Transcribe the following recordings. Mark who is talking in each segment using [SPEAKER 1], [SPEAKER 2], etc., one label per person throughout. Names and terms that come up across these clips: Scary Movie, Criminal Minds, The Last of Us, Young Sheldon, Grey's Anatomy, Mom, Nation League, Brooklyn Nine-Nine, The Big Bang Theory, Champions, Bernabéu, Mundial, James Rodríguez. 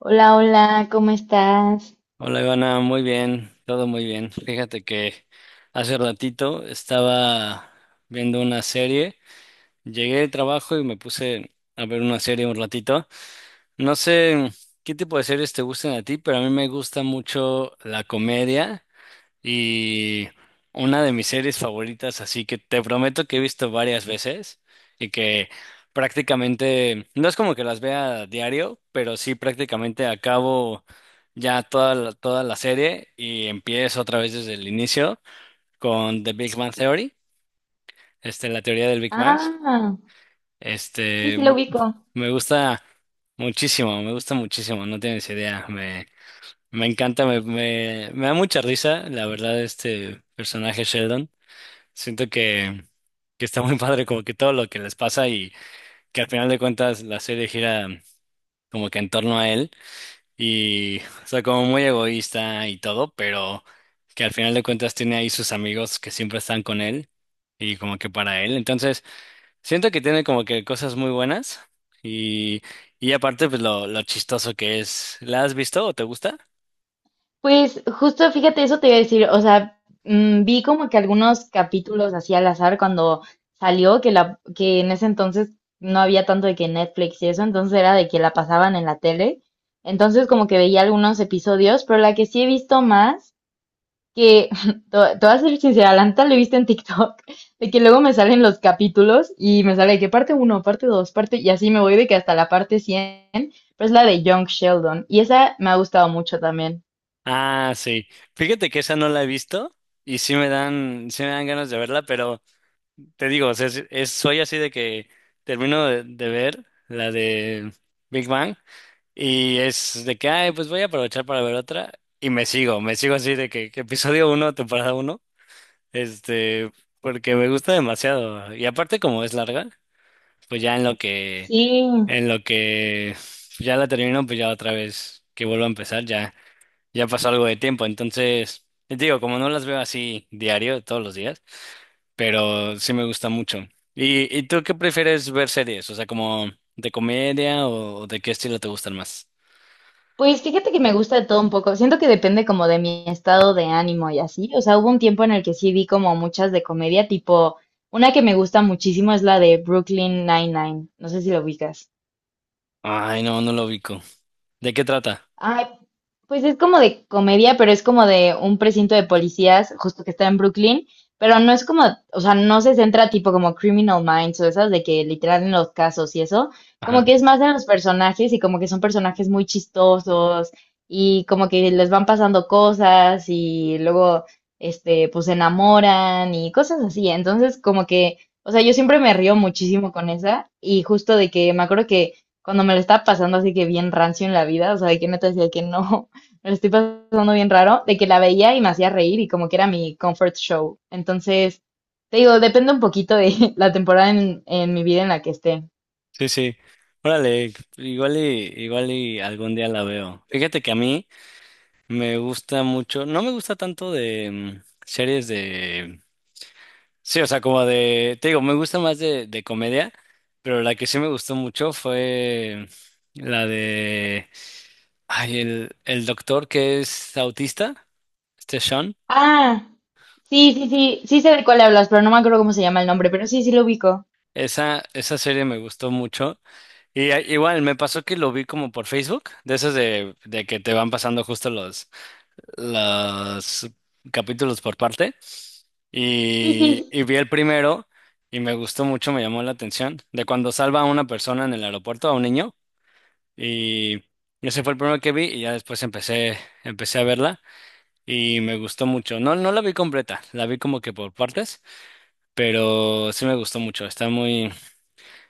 [SPEAKER 1] Hola, hola, ¿cómo estás?
[SPEAKER 2] Hola Ivana, muy bien, todo muy bien. Fíjate que hace ratito estaba viendo una serie, llegué de trabajo y me puse a ver una serie un ratito. No sé qué tipo de series te gustan a ti, pero a mí me gusta mucho la comedia y una de mis series favoritas, así que te prometo que he visto varias veces y que prácticamente, no es como que las vea a diario, pero sí prácticamente acabo ya toda la serie y empiezo otra vez desde el inicio con The Big Bang Theory, este, la teoría del Big Bang.
[SPEAKER 1] Ah, sí,
[SPEAKER 2] Este,
[SPEAKER 1] sí, lo
[SPEAKER 2] m-
[SPEAKER 1] ubico.
[SPEAKER 2] Me gusta muchísimo, me gusta muchísimo, no tienes idea, me encanta, me da mucha risa, la verdad, este personaje Sheldon. Siento que está muy padre como que todo lo que les pasa y que al final de cuentas la serie gira como que en torno a él y, o sea, como muy egoísta y todo, pero que al final de cuentas tiene ahí sus amigos que siempre están con él y como que para él. Entonces, siento que tiene como que cosas muy buenas y, y aparte pues lo chistoso que es. ¿La has visto o te gusta?
[SPEAKER 1] Pues justo, fíjate, eso te iba a decir, o sea, vi como que algunos capítulos así al azar cuando salió, que, que en ese entonces no había tanto de que Netflix y eso, entonces era de que la pasaban en la tele, entonces como que veía algunos episodios, pero la que sí he visto más que, te voy a ser sincera, la neta lo he visto en TikTok. De que luego me salen los capítulos y me sale de que parte uno, parte dos, parte, y así me voy de que hasta la parte cien, pero es la de Young Sheldon, y esa me ha gustado mucho también.
[SPEAKER 2] Ah, sí. Fíjate que esa no la he visto y sí me dan ganas de verla, pero... Te digo, o sea, soy así de que termino de ver la de Big Bang y es de que, ay, pues voy a aprovechar para ver otra y me sigo así de que episodio uno, temporada uno, este, porque me gusta demasiado. Y aparte como es larga, pues ya
[SPEAKER 1] Sí.
[SPEAKER 2] en lo que ya la termino, pues ya otra vez que vuelvo a empezar, ya, ya pasó algo de tiempo. Entonces, te digo, como no las veo así diario, todos los días, pero sí me gusta mucho. ¿Y tú qué prefieres ver series? O sea, como de comedia o de qué estilo te gustan más?
[SPEAKER 1] Pues fíjate que me gusta de todo un poco, siento que depende como de mi estado de ánimo y así, o sea, hubo un tiempo en el que sí vi como muchas de comedia, tipo, una que me gusta muchísimo es la de Brooklyn Nine-Nine, no sé si lo ubicas.
[SPEAKER 2] Ay, no, no lo ubico. ¿De qué trata?
[SPEAKER 1] Ay, pues es como de comedia, pero es como de un precinto de policías, justo que está en Brooklyn, pero no es como, o sea, no se centra tipo como Criminal Minds o esas de que literal en los casos y eso, como
[SPEAKER 2] Ajá.
[SPEAKER 1] que es más de los personajes y como que son personajes muy chistosos y como que les van pasando cosas y luego, este, pues se enamoran y cosas así, entonces como que, o sea, yo siempre me río muchísimo con esa y justo de que me acuerdo que cuando me lo estaba pasando así que bien rancio en la vida, o sea, de que neta decía que no, me lo estoy pasando bien raro, de que la veía y me hacía reír y como que era mi comfort show. Entonces, te digo, depende un poquito de la temporada en mi vida en la que esté.
[SPEAKER 2] Sí, sí. Órale, igual y algún día la veo. Fíjate que a mí me gusta mucho, no me gusta tanto de series de... Sí, o sea, como de, te digo, me gusta más de comedia, pero la que sí me gustó mucho fue la de, ay, el doctor que es autista, este Sean,
[SPEAKER 1] Ah, sí, sí, sí, sí sé de cuál hablas, pero no me acuerdo cómo se llama el nombre, pero sí, sí lo ubico.
[SPEAKER 2] esa serie me gustó mucho. Y igual, me pasó que lo vi como por Facebook, de esas de que te van pasando justo los capítulos por parte,
[SPEAKER 1] Sí, sí.
[SPEAKER 2] y vi el primero. Y me gustó mucho, me llamó la atención, de cuando salva a una persona en el aeropuerto, a un niño. Y ese fue el primero que vi y ya después empecé a verla y me gustó mucho. No, no la vi completa, la vi como que por partes, pero sí me gustó mucho.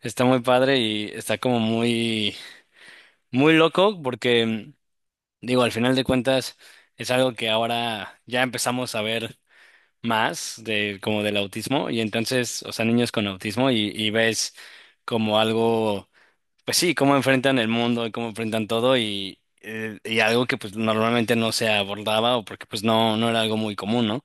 [SPEAKER 2] Está muy padre y está como muy, muy loco porque, digo, al final de cuentas es algo que ahora ya empezamos a ver más de como del autismo y entonces, o sea, niños con autismo y ves como algo... Pues sí, cómo enfrentan el mundo y cómo enfrentan todo y algo que pues normalmente no se abordaba o porque pues no, no era algo muy común, ¿no?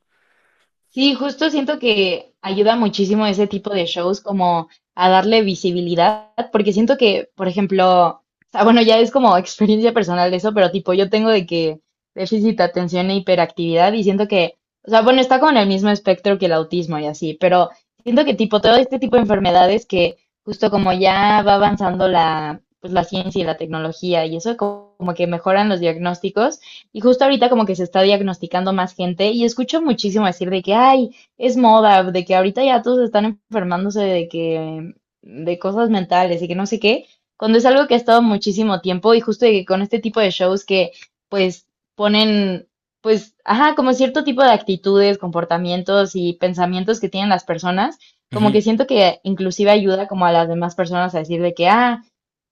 [SPEAKER 1] Sí, justo siento que ayuda muchísimo ese tipo de shows como a darle visibilidad, porque siento que, por ejemplo, o sea, bueno, ya es como experiencia personal de eso, pero tipo, yo tengo de que déficit de atención e hiperactividad y siento que, o sea, bueno, está como en el mismo espectro que el autismo y así, pero siento que tipo todo este tipo de enfermedades que justo como ya va avanzando la, pues la ciencia y la tecnología y eso como que mejoran los diagnósticos. Y justo ahorita como que se está diagnosticando más gente y escucho muchísimo decir de que, ay, es moda, de que ahorita ya todos están enfermándose de cosas mentales y que no sé qué, cuando es algo que ha estado muchísimo tiempo y justo de que con este tipo de shows que pues ponen, pues, ajá, como cierto tipo de actitudes, comportamientos y pensamientos que tienen las personas, como
[SPEAKER 2] Ujú.
[SPEAKER 1] que siento que inclusive ayuda como a las demás personas a decir de que, ah,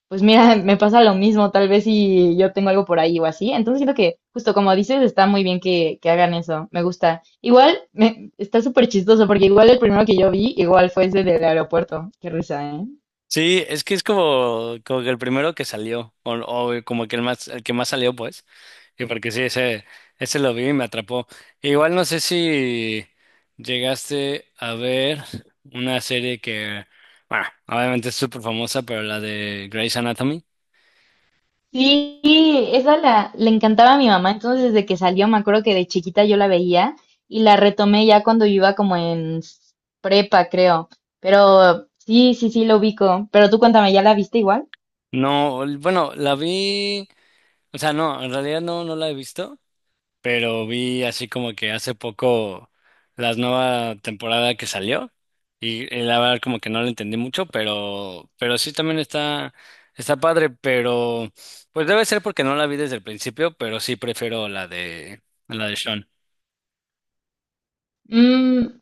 [SPEAKER 1] pues mira, me pasa lo mismo, tal vez si yo tengo algo por ahí o así. Entonces siento que, justo como dices, está muy bien que hagan eso, me gusta. Igual, está súper chistoso, porque igual el primero que yo vi, igual fue ese del aeropuerto. Qué risa, ¿eh?
[SPEAKER 2] Sí, es que es como, como que el primero que salió o como que el más, el que más salió pues, y porque sí, ese lo vi y me atrapó. Igual no sé si llegaste a ver una serie que, bueno, obviamente es súper famosa, pero la de Grey's Anatomy.
[SPEAKER 1] Sí, esa le encantaba a mi mamá, entonces desde que salió, me acuerdo que de chiquita yo la veía y la retomé ya cuando yo iba como en prepa, creo. Pero sí, sí, sí, lo ubico. Pero tú cuéntame, ¿ya la viste igual?
[SPEAKER 2] No, bueno, la vi, o sea, no, en realidad no, no la he visto, pero vi así como que hace poco la nueva temporada que salió y la verdad como que no la entendí mucho, pero sí también está, está padre, pero pues debe ser porque no la vi desde el principio, pero sí prefiero la de Sean.
[SPEAKER 1] Mm.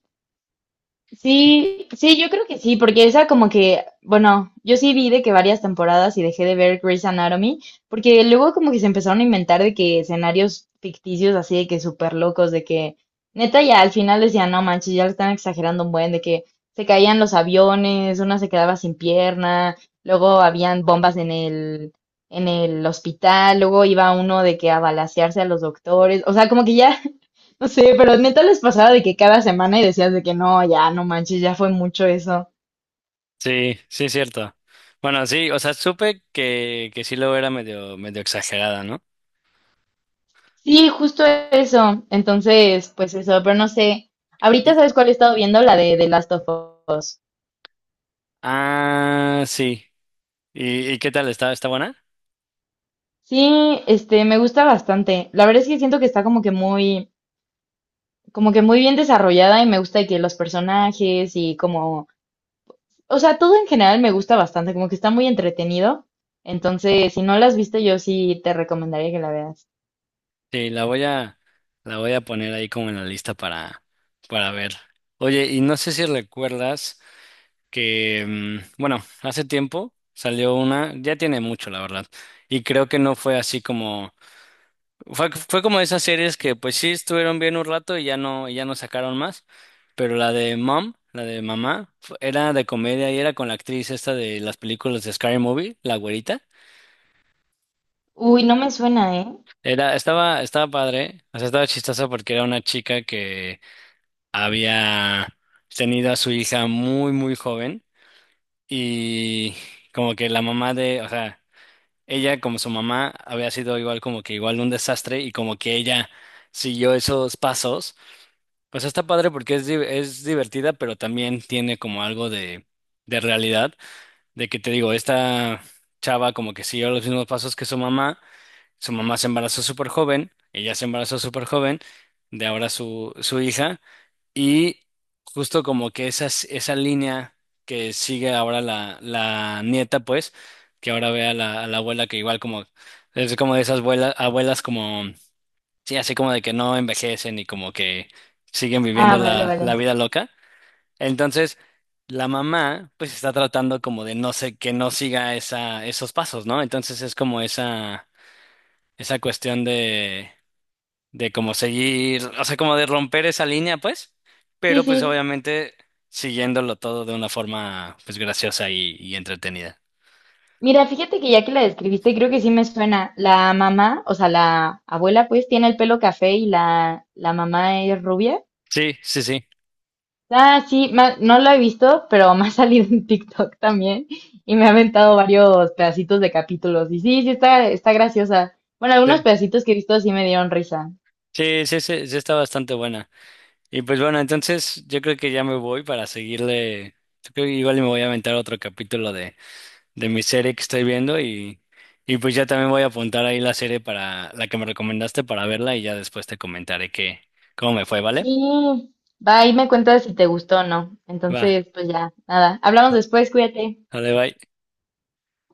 [SPEAKER 1] Sí, sí, yo creo que sí, porque esa como que, bueno, yo sí vi de que varias temporadas y dejé de ver Grey's Anatomy, porque luego como que se empezaron a inventar de que escenarios ficticios así de que súper locos, de que neta ya al final decían, no manches, ya lo están exagerando un buen, de que se caían los aviones, una se quedaba sin pierna, luego habían bombas en el hospital, luego iba uno de que a balacearse a los doctores, o sea, como que ya no sé, pero neta les pasaba de que cada semana y decías de que no, ya no manches, ya fue mucho eso.
[SPEAKER 2] Sí, sí es cierto. Bueno, sí, o sea, supe que sí luego era medio exagerada, ¿no?
[SPEAKER 1] Sí, justo eso. Entonces, pues eso, pero no sé. Ahorita
[SPEAKER 2] Y-
[SPEAKER 1] sabes cuál he estado viendo, la de The Last of Us.
[SPEAKER 2] Ah, sí. ¿Y qué tal? Está buena?
[SPEAKER 1] Sí, este, me gusta bastante. La verdad es que siento que está como que muy bien desarrollada y me gusta de que los personajes y como, o sea, todo en general me gusta bastante, como que está muy entretenido. Entonces, si no la has visto, yo sí te recomendaría que la veas.
[SPEAKER 2] Sí, la voy a poner ahí como en la lista para ver. Oye, y no sé si recuerdas que, bueno, hace tiempo salió una, ya tiene mucho, la verdad, y creo que no fue así como, fue como esas series que pues sí estuvieron bien un rato y ya no sacaron más, pero la de Mom, la de Mamá, era de comedia y era con la actriz esta de las películas de Scary Movie, la güerita.
[SPEAKER 1] Uy, no me suena, ¿eh?
[SPEAKER 2] Era, estaba padre, o sea, estaba chistosa porque era una chica que había tenido a su hija muy, muy joven y como que la mamá de, o sea, ella como su mamá había sido igual como que igual un desastre y como que ella siguió esos pasos, pues está padre porque es, es divertida, pero también tiene como algo de realidad, de que te digo, esta chava como que siguió los mismos pasos que su mamá, su mamá se embarazó súper joven, ella se embarazó súper joven, de ahora su hija, y justo como que esa línea que sigue ahora la, la nieta, pues, que ahora ve a la abuela que igual como, es como de esas abuelas, abuelas como, sí, así como de que no envejecen y como que siguen
[SPEAKER 1] Ah,
[SPEAKER 2] viviendo
[SPEAKER 1] vale,
[SPEAKER 2] la, la
[SPEAKER 1] vale.
[SPEAKER 2] vida loca. Entonces, la mamá, pues, está tratando como de no sé, que no siga esa, esos pasos, ¿no? Entonces es como esa cuestión de como seguir, o sea, como de romper esa línea, pues, pero
[SPEAKER 1] Sí,
[SPEAKER 2] pues
[SPEAKER 1] sí.
[SPEAKER 2] obviamente siguiéndolo todo de una forma pues graciosa y entretenida.
[SPEAKER 1] Mira, fíjate que ya que la describiste, creo que sí me suena. La mamá, o sea, la abuela, pues, tiene el pelo café y la mamá es rubia.
[SPEAKER 2] Sí, sí, sí,
[SPEAKER 1] Ah, sí, ma- no lo he visto, pero me ha salido en TikTok también y me ha aventado varios pedacitos de capítulos. Y sí, sí, está, está graciosa. Bueno, algunos
[SPEAKER 2] sí.
[SPEAKER 1] pedacitos que he visto sí me dieron risa.
[SPEAKER 2] Sí, sí, sí, sí está bastante buena. Y pues bueno, entonces yo creo que ya me voy para seguirle. Yo creo que igual y me voy a aventar otro capítulo de mi serie que estoy viendo y pues ya también voy a apuntar ahí la serie para la que me recomendaste para verla y ya después te comentaré que cómo me fue, ¿vale?
[SPEAKER 1] Sí, va y me cuentas si te gustó o no.
[SPEAKER 2] Va,
[SPEAKER 1] Entonces, pues ya, nada. Hablamos después, cuídate.
[SPEAKER 2] dale, bye.